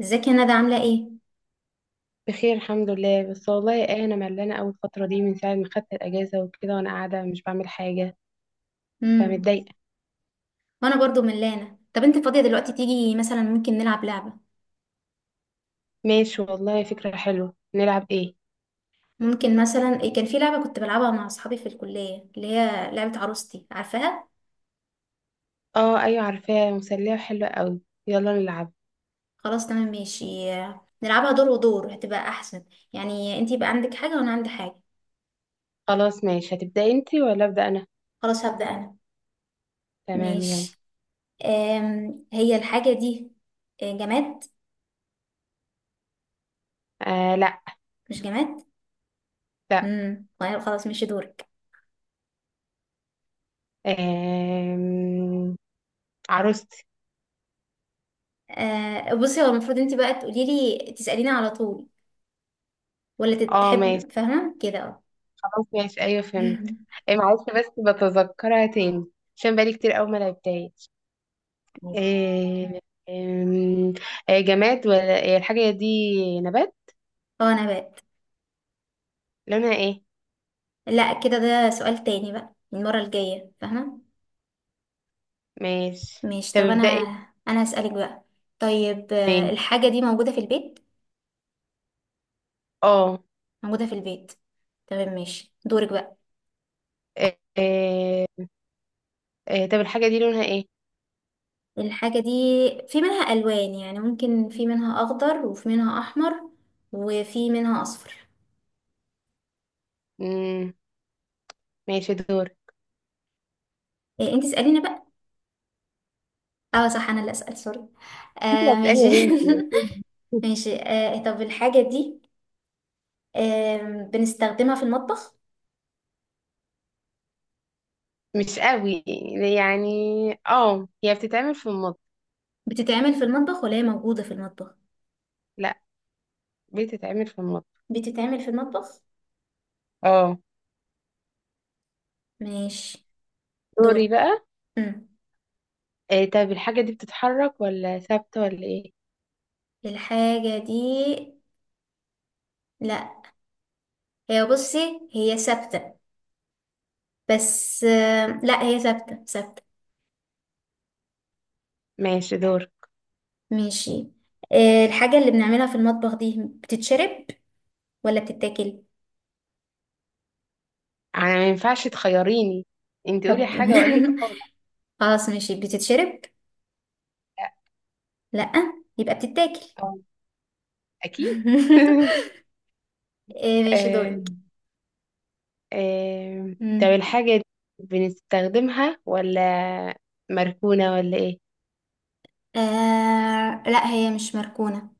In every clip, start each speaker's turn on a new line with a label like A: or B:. A: ازيك يا ندى عاملة ايه؟
B: بخير الحمد لله. بس والله ايه، انا ملانه اول فتره دي، من ساعه ما خدت الاجازه وكده وانا قاعده مش بعمل حاجه،
A: امم.
B: فمتضايقه.
A: وانا برضو ملانة. طب انت فاضية دلوقتي، تيجي مثلا ممكن نلعب لعبة؟
B: ماشي والله، فكره حلوه، نلعب ايه؟
A: ممكن مثلا كان في لعبة كنت بلعبها مع اصحابي في الكلية، اللي هي لعبة عروستي، عارفاها؟
B: اه ايوه، عارفاه، مسليه وحلوه قوي. يلا نلعب.
A: خلاص، تمام، ماشي. نلعبها دور ودور هتبقى احسن. يعني انت يبقى عندك حاجة وانا عندي حاجة.
B: خلاص ماشي، هتبداي انتي ولا ابدا انا؟
A: خلاص، هبدأ انا.
B: تمام يلا.
A: ماشي. هي الحاجة دي جماد.
B: لا.
A: مش جماد؟
B: لا.
A: طيب، خلاص، ماشي، دورك.
B: آم... عروستي.
A: أه، بصي، هو المفروض انت بقى تقولي لي تسأليني على طول، ولا
B: اه ماشي.
A: تحب، فاهمة كده؟
B: خلاص ماشي، ايوه فهمت. إيه، معلش بس بتذكرها تاني. عشان بقالي كتير قوي ما لعبتهاش. آه، آم، آه، جماد ولا الحاجة دي نبات؟
A: اه، نبات.
B: لونها ايه؟
A: لا، كده ده سؤال تاني بقى المرة الجاية، فاهمة.
B: ماشي.
A: ماشي،
B: طب
A: طب انا
B: ابدأ انت.
A: انا هسألك بقى. طيب،
B: ماشي.
A: الحاجة دي موجودة في البيت.
B: اه.
A: موجودة في البيت. تمام، ماشي، دورك بقى.
B: آه، آه، طب الحاجة دي لونها ايه؟
A: الحاجة دي في منها ألوان، يعني ممكن في منها أخضر، وفي منها أحمر، وفي منها أصفر.
B: مم. ماشي دور.
A: إيه، انت اسأليني بقى. اه صح، انا اللي أسأل، سوري.
B: انت اللي
A: آه،
B: هتسألي
A: ماشي.
B: يا بنتي.
A: ماشي، طب الحاجة دي آه بنستخدمها في المطبخ.
B: مش قوي يعني. اه، هي بتتعمل في المطبخ.
A: بتتعمل في المطبخ ولا هي موجودة في المطبخ؟
B: لا، بتتعمل في المطبخ.
A: بتتعمل في المطبخ.
B: اه.
A: ماشي، دور.
B: دوري بقى.
A: مم.
B: طب الحاجة دي بتتحرك ولا ثابتة ولا ايه؟
A: الحاجة دي، لا، هي، بصي، هي ثابتة. بس لا هي ثابتة ثابتة.
B: ماشي دور.
A: ماشي، الحاجة اللي بنعملها في المطبخ دي بتتشرب ولا بتتاكل؟
B: انا ما ينفعش تخيريني، انت قولي
A: طب
B: حاجة واقول لك اه.
A: خلاص، ماشي، بتتشرب؟ لا. يبقى بتتاكل.
B: آه، أكيد.
A: آه، ماشي،
B: آه،
A: دورك.
B: طب
A: مم.
B: الحاجة دي بنستخدمها ولا مركونة ولا إيه؟
A: آه، لا هي مش مركونة.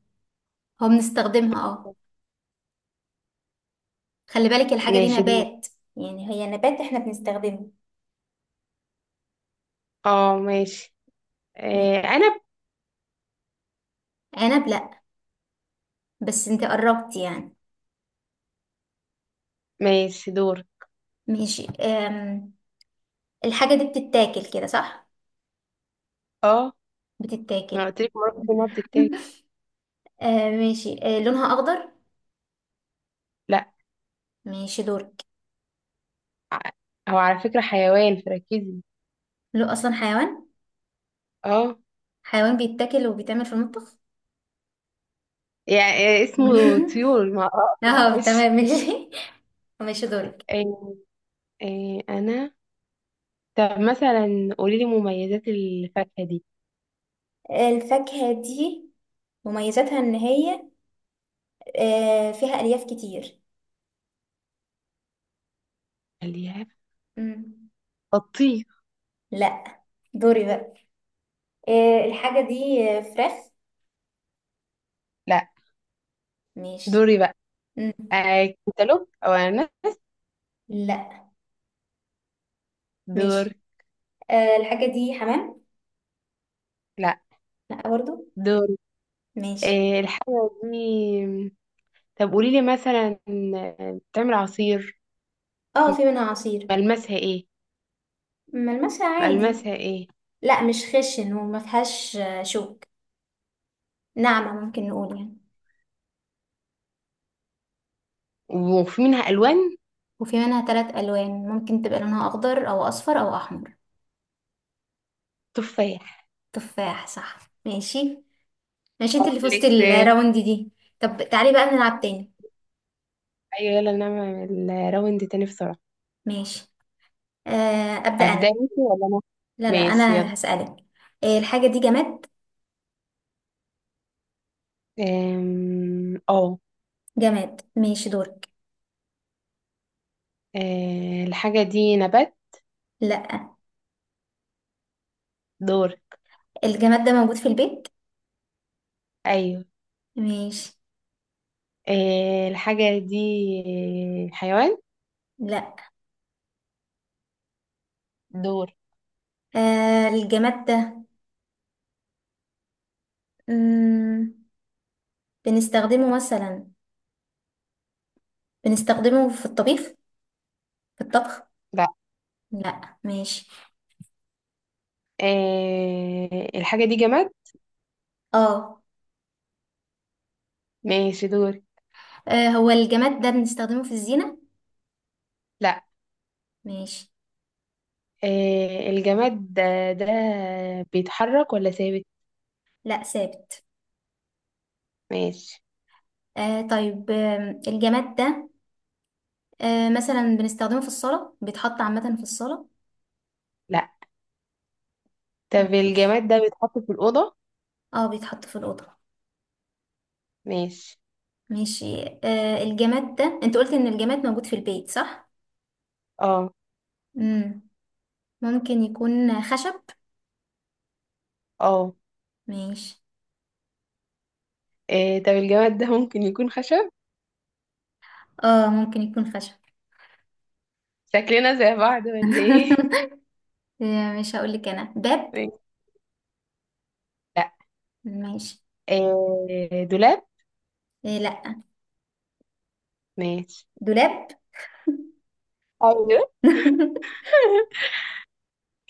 A: هو بنستخدمها، اه. خلي بالك الحاجة دي
B: ماشي دور.
A: نبات. يعني هي نبات احنا بنستخدمه.
B: اه ماشي.
A: يعني،
B: آه، أنا ب-
A: عنب؟ لأ، بس انت قربت يعني.
B: ماشي دور.
A: ماشي، الحاجة دي بتتاكل كده صح؟
B: اه. ما
A: بتتاكل.
B: قلت لك مرة إنها بتتاكل؟
A: آه، ماشي، لونها أخضر.
B: لا.
A: ماشي، دورك.
B: ع- هو على فكرة حيوان، فركزي.
A: لو أصلا حيوان.
B: اه.
A: حيوان بيتاكل وبيتعمل في المطبخ.
B: يعني اسمه طيور ما
A: اه، تمام،
B: معلش.
A: ماشي. ماشي، دورك.
B: آه، آه، أنا طب مثلا قولي لي مميزات الفاكهة دي.
A: الفاكهة دي مميزاتها ان هي فيها الياف كتير.
B: خليها.
A: مم.
B: الطيب.
A: لا. دوري بقى. الحاجة دي فراخ؟
B: لا.
A: ماشي.
B: دوري بقى.
A: مم.
B: كنتالوب او انا.
A: لا.
B: دور.
A: ماشي. الحاجة دي حمام؟
B: لا.
A: لا برضو.
B: دور.
A: ماشي.
B: آه الحاجة دي طب قولي لي مثلا، بتعمل عصير؟
A: اه، في منها عصير.
B: ملمسها ايه؟
A: ملمسها عادي.
B: ملمسها ايه؟
A: لا، مش خشن وما فيهاش شوك. ناعمة ممكن نقول يعني.
B: وفي منها الوان؟
A: وفي منها ثلاث ألوان، ممكن تبقى لونها أخضر أو أصفر أو أحمر.
B: تفاح.
A: تفاح؟ صح. ماشي. ماشي، انت اللي فزتي
B: ليكس ايوه.
A: الراوند دي. طب تعالي بقى نلعب تاني.
B: يلا نعمل راوند تاني بسرعة.
A: ماشي. أبدأ
B: هبدأ
A: أنا.
B: انتي ولا انا؟
A: لا لا،
B: ماشي يلا.
A: أنا هسألك. الحاجة دي جماد.
B: اه.
A: جماد؟ ماشي، دور.
B: الحاجة دي نبات؟
A: لا.
B: دور.
A: الجماد ده موجود في البيت.
B: ايوه.
A: ماشي.
B: الحاجة دي حيوان؟
A: لا.
B: دور.
A: الجماد ده، مم. بنستخدمه مثلا، بنستخدمه في الطبخ.
B: لا.
A: لا، ماشي.
B: الحاجة دي جماد؟
A: اه.
B: ماشي دوري.
A: هو الجماد ده بنستخدمه في الزينة؟
B: لا.
A: ماشي.
B: الجماد ده بيتحرك ولا ثابت؟
A: لا، ثابت.
B: ماشي.
A: آه، طيب، الجماد ده مثلا بنستخدمه في الصالة، بيتحط عامة في الصالة.
B: لا. طب
A: ماشي.
B: الجماد ده بيتحط في الأوضة؟
A: اه، بيتحط في الأوضة.
B: ماشي.
A: ماشي، الجماد ده، انت قلت ان الجماد موجود في البيت، صح؟
B: اه
A: مم. ممكن يكون خشب.
B: اه.
A: ماشي.
B: طب الجماد ده ممكن يكون خشب؟
A: اه، ممكن يكون خشب.
B: شكلنا زي بعض ولا ايه؟
A: مش هقول لك انا باب.
B: ماشي. لا.
A: ماشي.
B: دولاب؟
A: إيه؟ لا.
B: ماشي.
A: دولاب.
B: اه دولاب.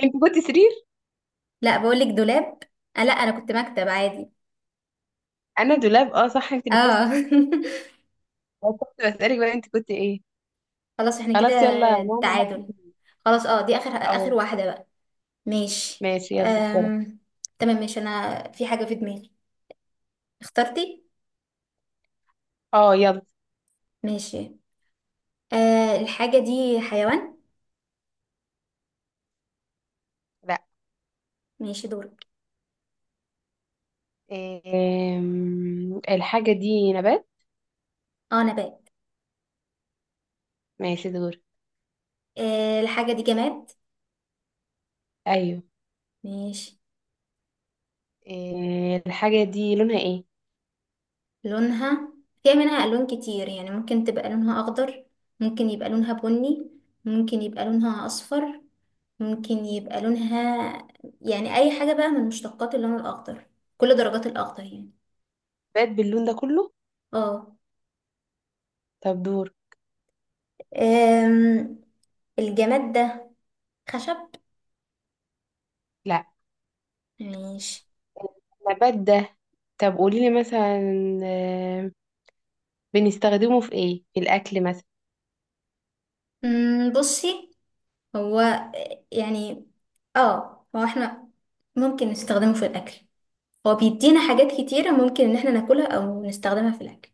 B: انت كنت سرير؟
A: لا، بقول لك دولاب. آه، لا انا كنت مكتب عادي.
B: انا دولاب، اه صح، انت اللي
A: اه.
B: فزت. أنا كنت بسألك بقى، انت كنت ايه؟
A: خلاص، احنا كده
B: خلاص يلا نعمل
A: تعادل.
B: واحدة.
A: خلاص، اه، دي اخر اخر
B: اه.
A: واحدة بقى. ماشي.
B: ماشي يلا بسرعة.
A: أم... تمام، ماشي، انا في حاجة في دماغي. اخترتي؟
B: اه يلا.
A: ماشي. الحاجة دي حيوان؟
B: لا.
A: ماشي، دورك.
B: الحاجة دي نبات؟
A: اه، نبات.
B: ماشي دور.
A: الحاجة دي جماد؟
B: أيوه.
A: ماشي.
B: الحاجة دي لونها إيه؟
A: لونها، فيها منها ألوان كتير، يعني ممكن تبقى لونها أخضر، ممكن يبقى لونها بني، ممكن يبقى لونها أصفر، ممكن يبقى لونها، يعني، أي حاجة بقى من مشتقات اللون الأخضر، كل درجات الأخضر يعني.
B: نبات باللون ده كله؟
A: اه.
B: طب دور.
A: أم، الجماد ده خشب؟
B: لا.
A: ماشي.
B: نبات ده. طب قوليلي مثلا، أم، بنستخدمه في إيه، في الأكل مثلا؟
A: بصي، هو، يعني، اه هو احنا ممكن نستخدمه في الأكل. هو بيدينا حاجات كتيرة ممكن إن احنا ناكلها أو نستخدمها في الأكل.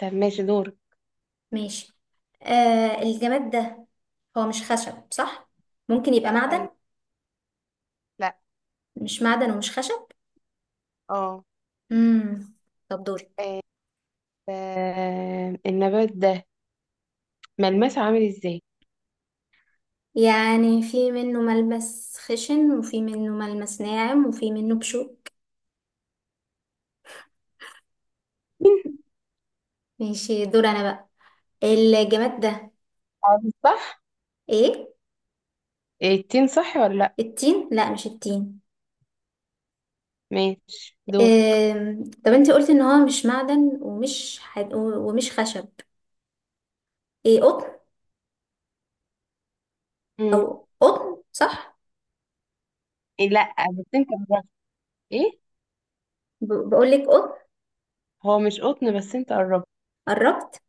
B: طب ماشي دور.
A: ماشي. الجماد ده، هو مش خشب صح؟ ممكن يبقى
B: أيوه.
A: معدن.
B: لا.
A: مش معدن ومش خشب.
B: اه.
A: امم. طب دورك.
B: أم، أم، النبات ده ملمسه عامل إزاي؟
A: يعني في منه ملمس خشن، وفي منه ملمس ناعم، وفي منه بشوك.
B: تين.
A: ماشي، دور انا بقى. الجماد ده،
B: عامل صح؟
A: ايه،
B: إيه، التين صح ولا لأ؟
A: التين؟ لا، مش التين.
B: ماشي دور.
A: طب انت قلت ان هو مش معدن ومش خشب. ايه، قطن؟ او
B: مم.
A: قطن صح؟
B: إيه، لأ، بس أنت قربت. إيه.
A: بقول لك قطن.
B: هو مش قطن، بس أنت قربت.
A: قربت.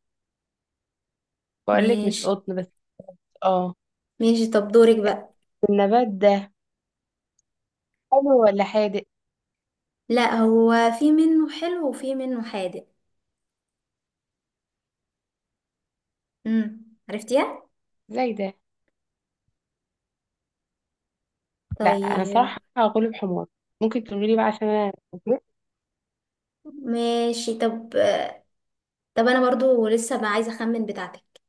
B: بقولك مش
A: ماشي.
B: قطن بس. اه.
A: ماشي، طب دورك بقى.
B: النبات ده حلو ولا حادق؟
A: لا، هو في منه حلو وفي منه حادق. عرفتيها.
B: زي ده. لا، انا
A: طيب.
B: صراحه هقوله بحمار. ممكن تقولي بقى عشان انا اتفقت؟
A: ماشي، طب انا برضو لسه ما عايزه اخمن بتاعتك.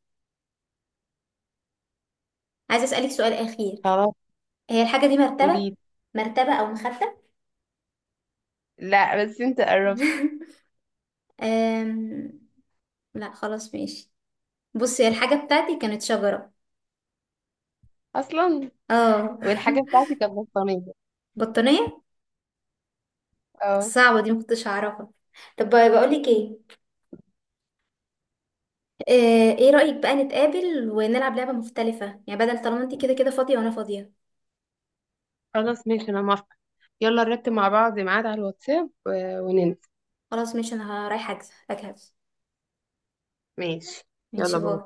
A: عايزه اسالك سؤال اخير.
B: خلاص.
A: هي الحاجه دي مرتبه؟
B: قولي.
A: مرتبه او مخده؟
B: لا بس انت قربت.
A: أم... لا، خلاص، ماشي. بصي، الحاجه بتاعتي كانت شجره.
B: اصلا.
A: اه.
B: والحاجه بتاعتي كانت بطانيه.
A: بطانيه.
B: اه.
A: صعبه دي، ما كنتش هعرفها. طب بقول لك ايه، ايه رأيك بقى نتقابل ونلعب لعبة مختلفة، يعني بدل، طالما انت كده كده فاضية وانا فاضية.
B: خلاص ماشي، انا موافقه. يلا نرتب مع بعض ميعاد على الواتساب وننزل.
A: خلاص، ماشي، انا رايحة أجهز.
B: ماشي
A: ماشي،
B: يلا
A: باي.
B: باي.